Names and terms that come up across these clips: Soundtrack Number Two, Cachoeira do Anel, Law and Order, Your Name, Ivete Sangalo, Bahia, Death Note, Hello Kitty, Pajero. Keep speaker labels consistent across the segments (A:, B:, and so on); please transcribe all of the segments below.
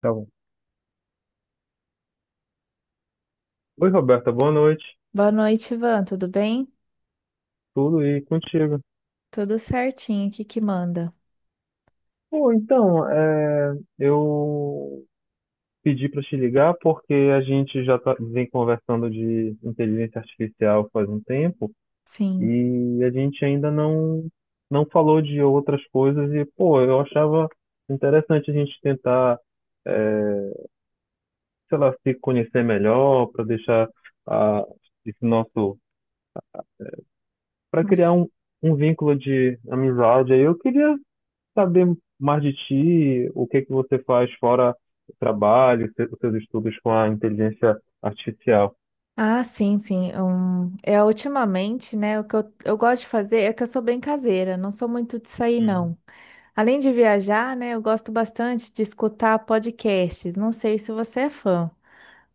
A: Tá bom. Oi, Roberta, boa noite.
B: Boa noite, Ivan. Tudo bem?
A: Tudo e contigo.
B: Tudo certinho aqui que manda.
A: Eu pedi para te ligar porque a gente já tá, vem conversando de inteligência artificial faz um tempo
B: Sim.
A: e a gente ainda não, não falou de outras coisas e, pô, eu achava interessante a gente tentar, é, sei lá, se conhecer melhor para deixar a, esse nosso, para criar
B: Nossa.
A: um vínculo de amizade. Aí eu queria saber mais de ti, o que é que você faz fora o trabalho, os seus estudos com a inteligência artificial.
B: Ah, sim, sim. Ultimamente, né? O que eu gosto de fazer é que eu sou bem caseira, não sou muito de sair,
A: Uhum.
B: não. Além de viajar, né? Eu gosto bastante de escutar podcasts. Não sei se você é fã,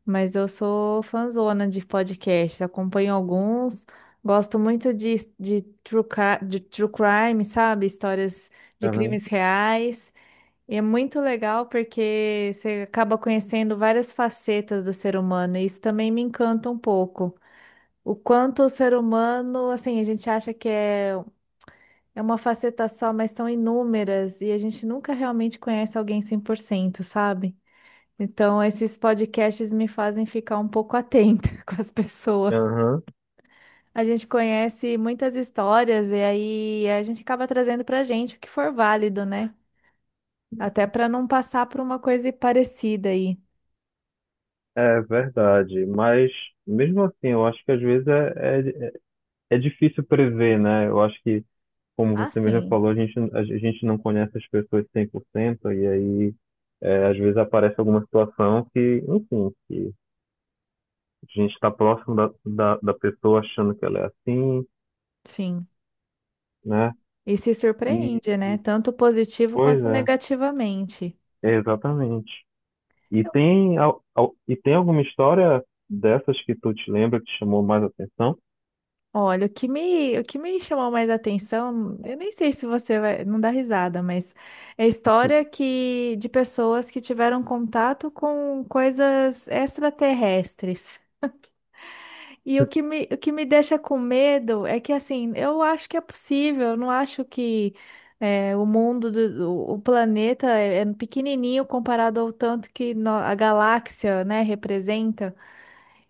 B: mas eu sou fãzona de podcasts. Acompanho alguns. Gosto muito de true crime, sabe? Histórias de
A: Aham,
B: crimes reais. E é muito legal porque você acaba conhecendo várias facetas do ser humano, e isso também me encanta um pouco. O quanto o ser humano, assim, a gente acha que é uma faceta só, mas são inúmeras, e a gente nunca realmente conhece alguém 100%, sabe? Então, esses podcasts me fazem ficar um pouco atenta com as pessoas.
A: aham.
B: A gente conhece muitas histórias, e aí a gente acaba trazendo pra gente o que for válido, né? Até para não passar por uma coisa parecida aí.
A: É verdade, mas mesmo assim, eu acho que às vezes é difícil prever, né? Eu acho que, como
B: Ah,
A: você mesmo
B: sim,
A: falou, a gente não conhece as pessoas 100% e aí às vezes aparece alguma situação que, enfim, que a gente está próximo da pessoa achando que ela é assim,
B: sim.
A: né?
B: E se
A: E,
B: surpreende, né?
A: e
B: Tanto positivo
A: pois
B: quanto
A: é,
B: negativamente.
A: Exatamente. E tem, e tem alguma história dessas que tu te lembra que chamou mais atenção?
B: Olha, o que me chamou mais atenção, eu nem sei se você vai, não dá risada, mas é história que de pessoas que tiveram contato com coisas extraterrestres. E o que me deixa com medo é que, assim, eu acho que é possível, eu não acho que o mundo, o planeta é pequenininho comparado ao tanto que a galáxia, né, representa.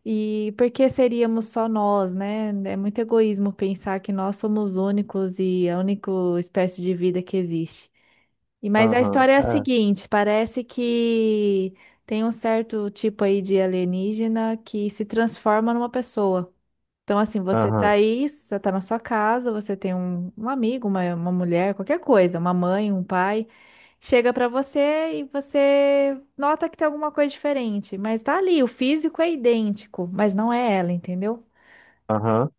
B: E por que seríamos só nós, né? É muito egoísmo pensar que nós somos únicos e a única espécie de vida que existe. E, mas a
A: Aham,
B: história é a
A: é,
B: seguinte, parece que tem um certo tipo aí de alienígena que se transforma numa pessoa. Então, assim, você tá
A: aham,
B: aí, você tá na sua casa, você tem um amigo, uma mulher, qualquer coisa, uma mãe, um pai, chega pra você e você nota que tem alguma coisa diferente, mas tá ali, o físico é idêntico, mas não é ela, entendeu?
A: aham,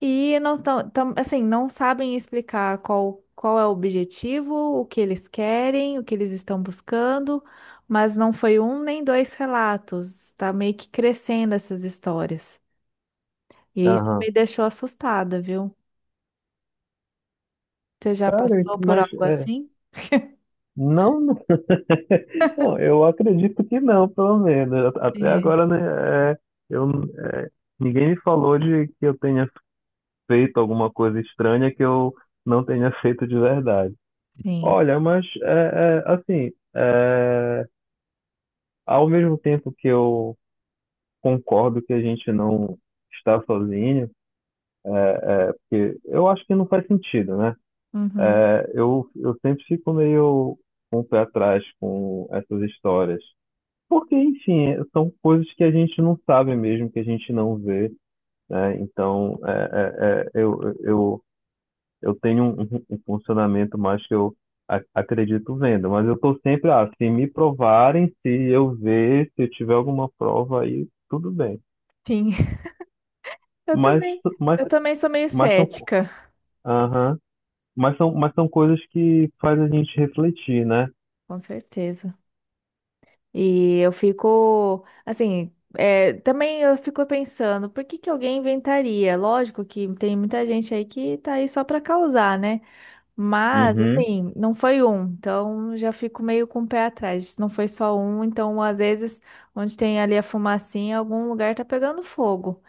B: E não assim, não sabem explicar qual é o objetivo, o que eles querem, o que eles estão buscando, mas não foi um nem dois relatos, tá meio que crescendo essas histórias. E isso me
A: aham.
B: deixou assustada, viu? Você já
A: Sério,
B: passou por
A: mas
B: algo
A: é,
B: assim?
A: não, não, Não, eu acredito que não, pelo menos. Até
B: É,
A: agora, né, é, eu, é, ninguém me falou de que eu tenha feito alguma coisa estranha que eu não tenha feito de verdade.
B: sim.
A: Olha, ao mesmo tempo que eu concordo que a gente não está sozinho, porque eu acho que não faz sentido, né?
B: Uhum,
A: Eu sempre fico meio com o pé atrás com essas histórias. Porque, enfim, são coisas que a gente não sabe mesmo, que a gente não vê, né? Então, eu tenho um funcionamento mais que eu acredito vendo, mas eu estou sempre, ah, se me provarem, se eu ver, se eu tiver alguma prova aí, tudo bem.
B: sim. Eu
A: Mas,
B: também.
A: mas,
B: Eu também sou meio
A: mas
B: cética,
A: Aham. Mas são coisas que faz a gente refletir, né?
B: com certeza. E eu fico, assim, também eu fico pensando, por que que alguém inventaria? Lógico que tem muita gente aí que tá aí só pra causar, né? Mas,
A: Uhum.
B: assim, não foi um, então já fico meio com o pé atrás. Se não foi só um, então às vezes, onde tem ali a fumacinha, algum lugar tá pegando fogo.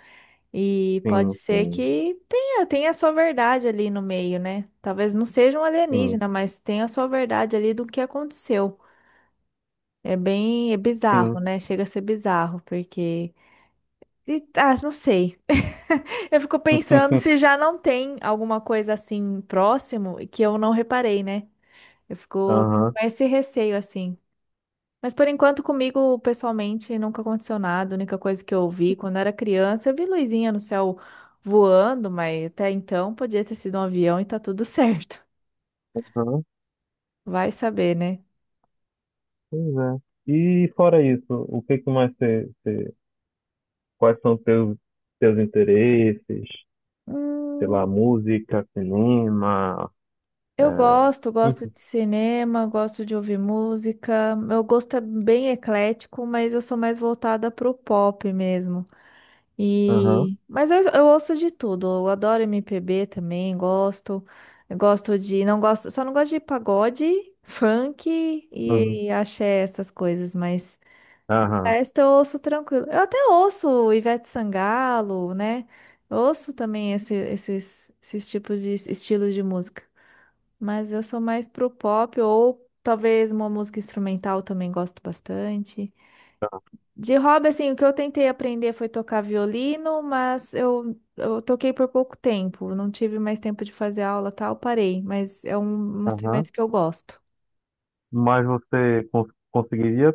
B: E pode
A: Sim,
B: ser
A: sim,
B: que tenha a sua verdade ali no meio, né? Talvez não seja um
A: sim,
B: alienígena, mas tenha a sua verdade ali do que aconteceu. É
A: sim.
B: bizarro, né? Chega a ser bizarro, porque. Ah, não sei. Eu fico pensando se já não tem alguma coisa assim próximo que eu não reparei, né? Eu fico
A: Aham,
B: com esse receio assim. Mas por enquanto, comigo, pessoalmente, nunca aconteceu nada. A única coisa que eu vi quando era criança, eu vi luzinha no céu voando, mas até então podia ter sido um avião e tá tudo certo.
A: aham,
B: Vai saber, né?
A: pois é. E fora isso, o que que quais são teus interesses? Sei lá,
B: Hum,
A: música, cinema, é,
B: gosto
A: enfim.
B: de cinema, gosto de ouvir música. Meu gosto é bem eclético, mas eu sou mais voltada pro pop mesmo.
A: Aham,
B: E... Mas eu ouço de tudo. Eu adoro MPB também, gosto. Eu gosto de. Não gosto, só não gosto de pagode, funk
A: uhum,
B: e, axé, essas coisas, mas o
A: aham,
B: resto eu ouço tranquilo. Eu até ouço Ivete Sangalo, né? Eu ouço também esses, esses tipos de estilos de música. Mas eu sou mais pro pop ou talvez uma música instrumental também gosto bastante. De hobby, assim, o que eu tentei aprender foi tocar violino, mas eu toquei por pouco tempo. Não tive mais tempo de fazer aula, tal, parei. Mas é um
A: aham.
B: instrumento que eu gosto.
A: Mas você conseguiria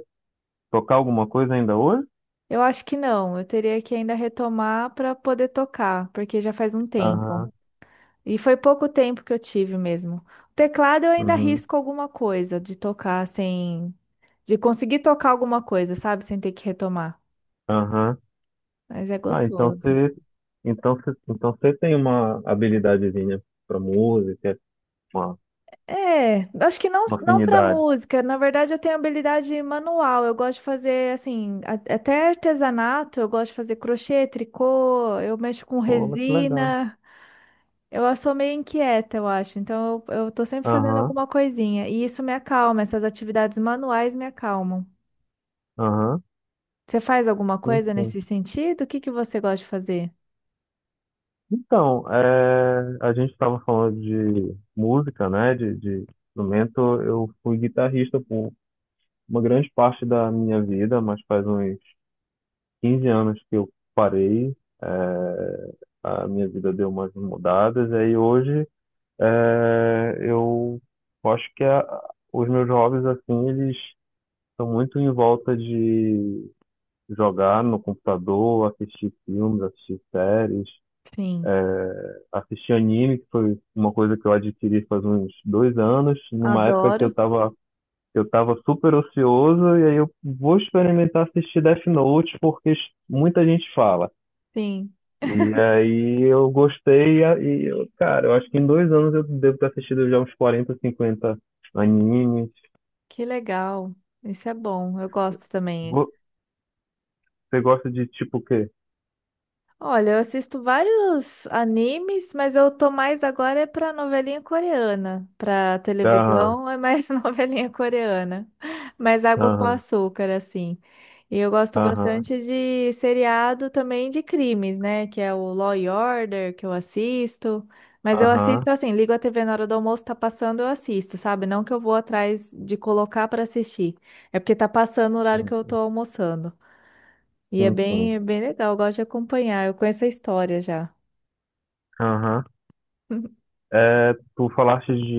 A: tocar alguma coisa ainda hoje?
B: Eu acho que não, eu teria que ainda retomar para poder tocar, porque já faz um tempo.
A: Aham,
B: E foi pouco tempo que eu tive mesmo. O teclado eu ainda
A: uhum,
B: risco alguma coisa de tocar sem, de conseguir tocar alguma coisa, sabe? Sem ter que retomar.
A: aham.
B: Mas é
A: Ah, então
B: gostoso.
A: você, então você, então você tem uma habilidadezinha pra música, uma,
B: É, acho que não,
A: uma
B: não para
A: afinidade.
B: música. Na verdade, eu tenho habilidade manual. Eu gosto de fazer, assim, até artesanato. Eu gosto de fazer crochê, tricô. Eu mexo com
A: Pô, mas que legal.
B: resina. Eu sou meio inquieta, eu acho. Então, eu tô sempre fazendo
A: Aham,
B: alguma coisinha. E isso me acalma. Essas atividades manuais me acalmam.
A: aham,
B: Você faz alguma
A: sim,
B: coisa
A: sim.
B: nesse sentido? O que que você gosta de fazer?
A: Então, é, a gente estava falando de música, né, de instrumento. Eu fui guitarrista por uma grande parte da minha vida, mas faz uns 15 anos que eu parei. É, a minha vida deu umas mudadas, aí hoje é, eu acho que os meus hobbies, assim, eles estão muito em volta de jogar no computador, assistir filmes, assistir séries,
B: Sim,
A: assistir anime, que foi uma coisa que eu adquiri faz uns dois anos, numa época que
B: adoro.
A: eu tava super ocioso, e aí eu vou experimentar assistir Death Note, porque muita gente fala.
B: Sim,
A: E aí eu gostei, e eu, cara, eu acho que em dois anos eu devo ter assistido já uns quarenta cinquenta animes.
B: que legal. Isso é bom. Eu gosto também.
A: Vo- Você gosta de tipo o quê?
B: Olha, eu assisto vários animes, mas eu tô mais agora é pra novelinha coreana. Pra
A: Aham,
B: televisão é mais novelinha coreana. Mais água com
A: aham,
B: açúcar, assim. E eu gosto
A: aham,
B: bastante de seriado também de crimes, né? Que é o Law and Order, que eu assisto. Mas eu
A: aham,
B: assisto assim, ligo a TV na hora do almoço, tá passando, eu assisto, sabe? Não que eu vou atrás de colocar pra assistir. É porque tá passando o horário que
A: sim,
B: eu tô
A: sim,
B: almoçando. E é
A: sim.
B: bem,
A: Sim.
B: é bem legal, eu gosto de acompanhar. Eu conheço a história já.
A: Aham. É, tu falaste de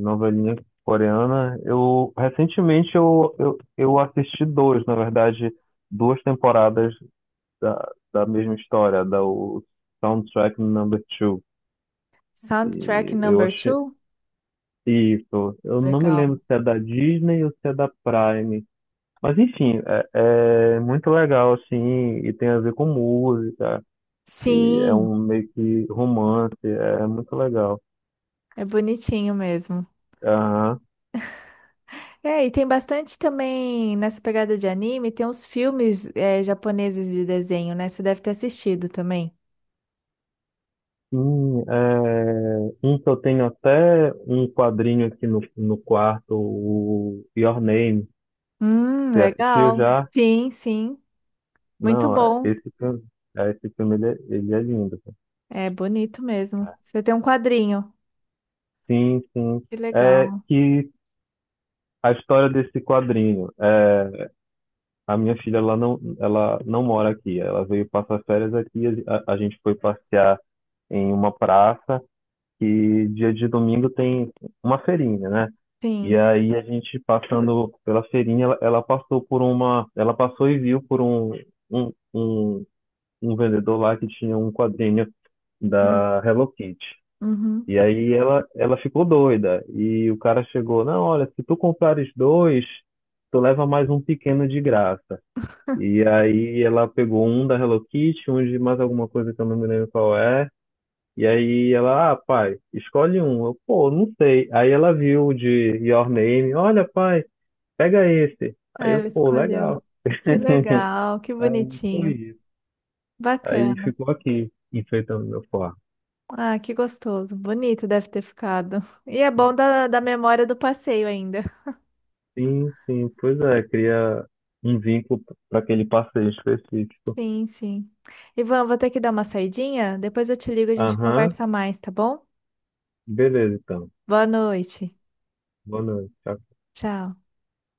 A: novelinha coreana. Eu recentemente eu assisti dois, na verdade, duas temporadas da mesma história, da o Soundtrack Number Two.
B: Soundtrack
A: E eu
B: number
A: achei,
B: two?
A: isso. Eu não me
B: Legal.
A: lembro se é da Disney ou se é da Prime. Mas enfim, é muito legal assim, e tem a ver com música, e é
B: Sim,
A: um meio que romance, é muito legal.
B: é bonitinho mesmo.
A: Aham.
B: É, e tem bastante também nessa pegada de anime, tem uns filmes japoneses de desenho, né? Você deve ter assistido também.
A: Sim, é, um que eu tenho até um quadrinho aqui no quarto, o Your Name. Você assistiu
B: Legal.
A: já?
B: Sim, sim. Muito
A: Não, é-
B: bom.
A: esse filme, esse filme ele ele é lindo, cara.
B: É bonito mesmo. Você tem um quadrinho.
A: Sim, sim.
B: Que
A: É
B: legal.
A: que a história desse quadrinho, é, a minha filha, ela não mora aqui. Ela veio passar férias aqui. A gente foi passear em uma praça que dia de domingo tem uma feirinha, né? E
B: Sim.
A: aí a gente passando pela feirinha, ela passou por uma, ela passou e viu por um, um, um vendedor lá que tinha um quadrinho
B: Hum.
A: da Hello Kitty.
B: Uhum.
A: E aí ela ficou doida. E o cara chegou, não, olha, se tu comprares dois, tu leva mais um pequeno de graça. E aí ela pegou um da Hello Kitty, um de mais alguma coisa que eu não me lembro qual é. E aí ela, ah, pai, escolhe um. Eu, pô, não sei. Aí ela viu o de Your Name, olha, pai, pega esse.
B: Ah,
A: Aí eu,
B: ela
A: pô,
B: escolheu.
A: legal.
B: Que legal, que
A: Aí foi
B: bonitinho.
A: isso. Aí
B: Bacana.
A: ficou aqui, enfeitando meu quarto.
B: Ah, que gostoso. Bonito deve ter ficado. E é bom da, da memória do passeio ainda.
A: Sim, sim, pois é, cria um vínculo para aquele passeio específico.
B: Sim, sim. Ivan, vou ter que dar uma saidinha. Depois eu te ligo e a gente
A: Aham,
B: conversa mais, tá bom?
A: beleza então.
B: Boa noite.
A: Boa noite. Tchau.
B: Tchau.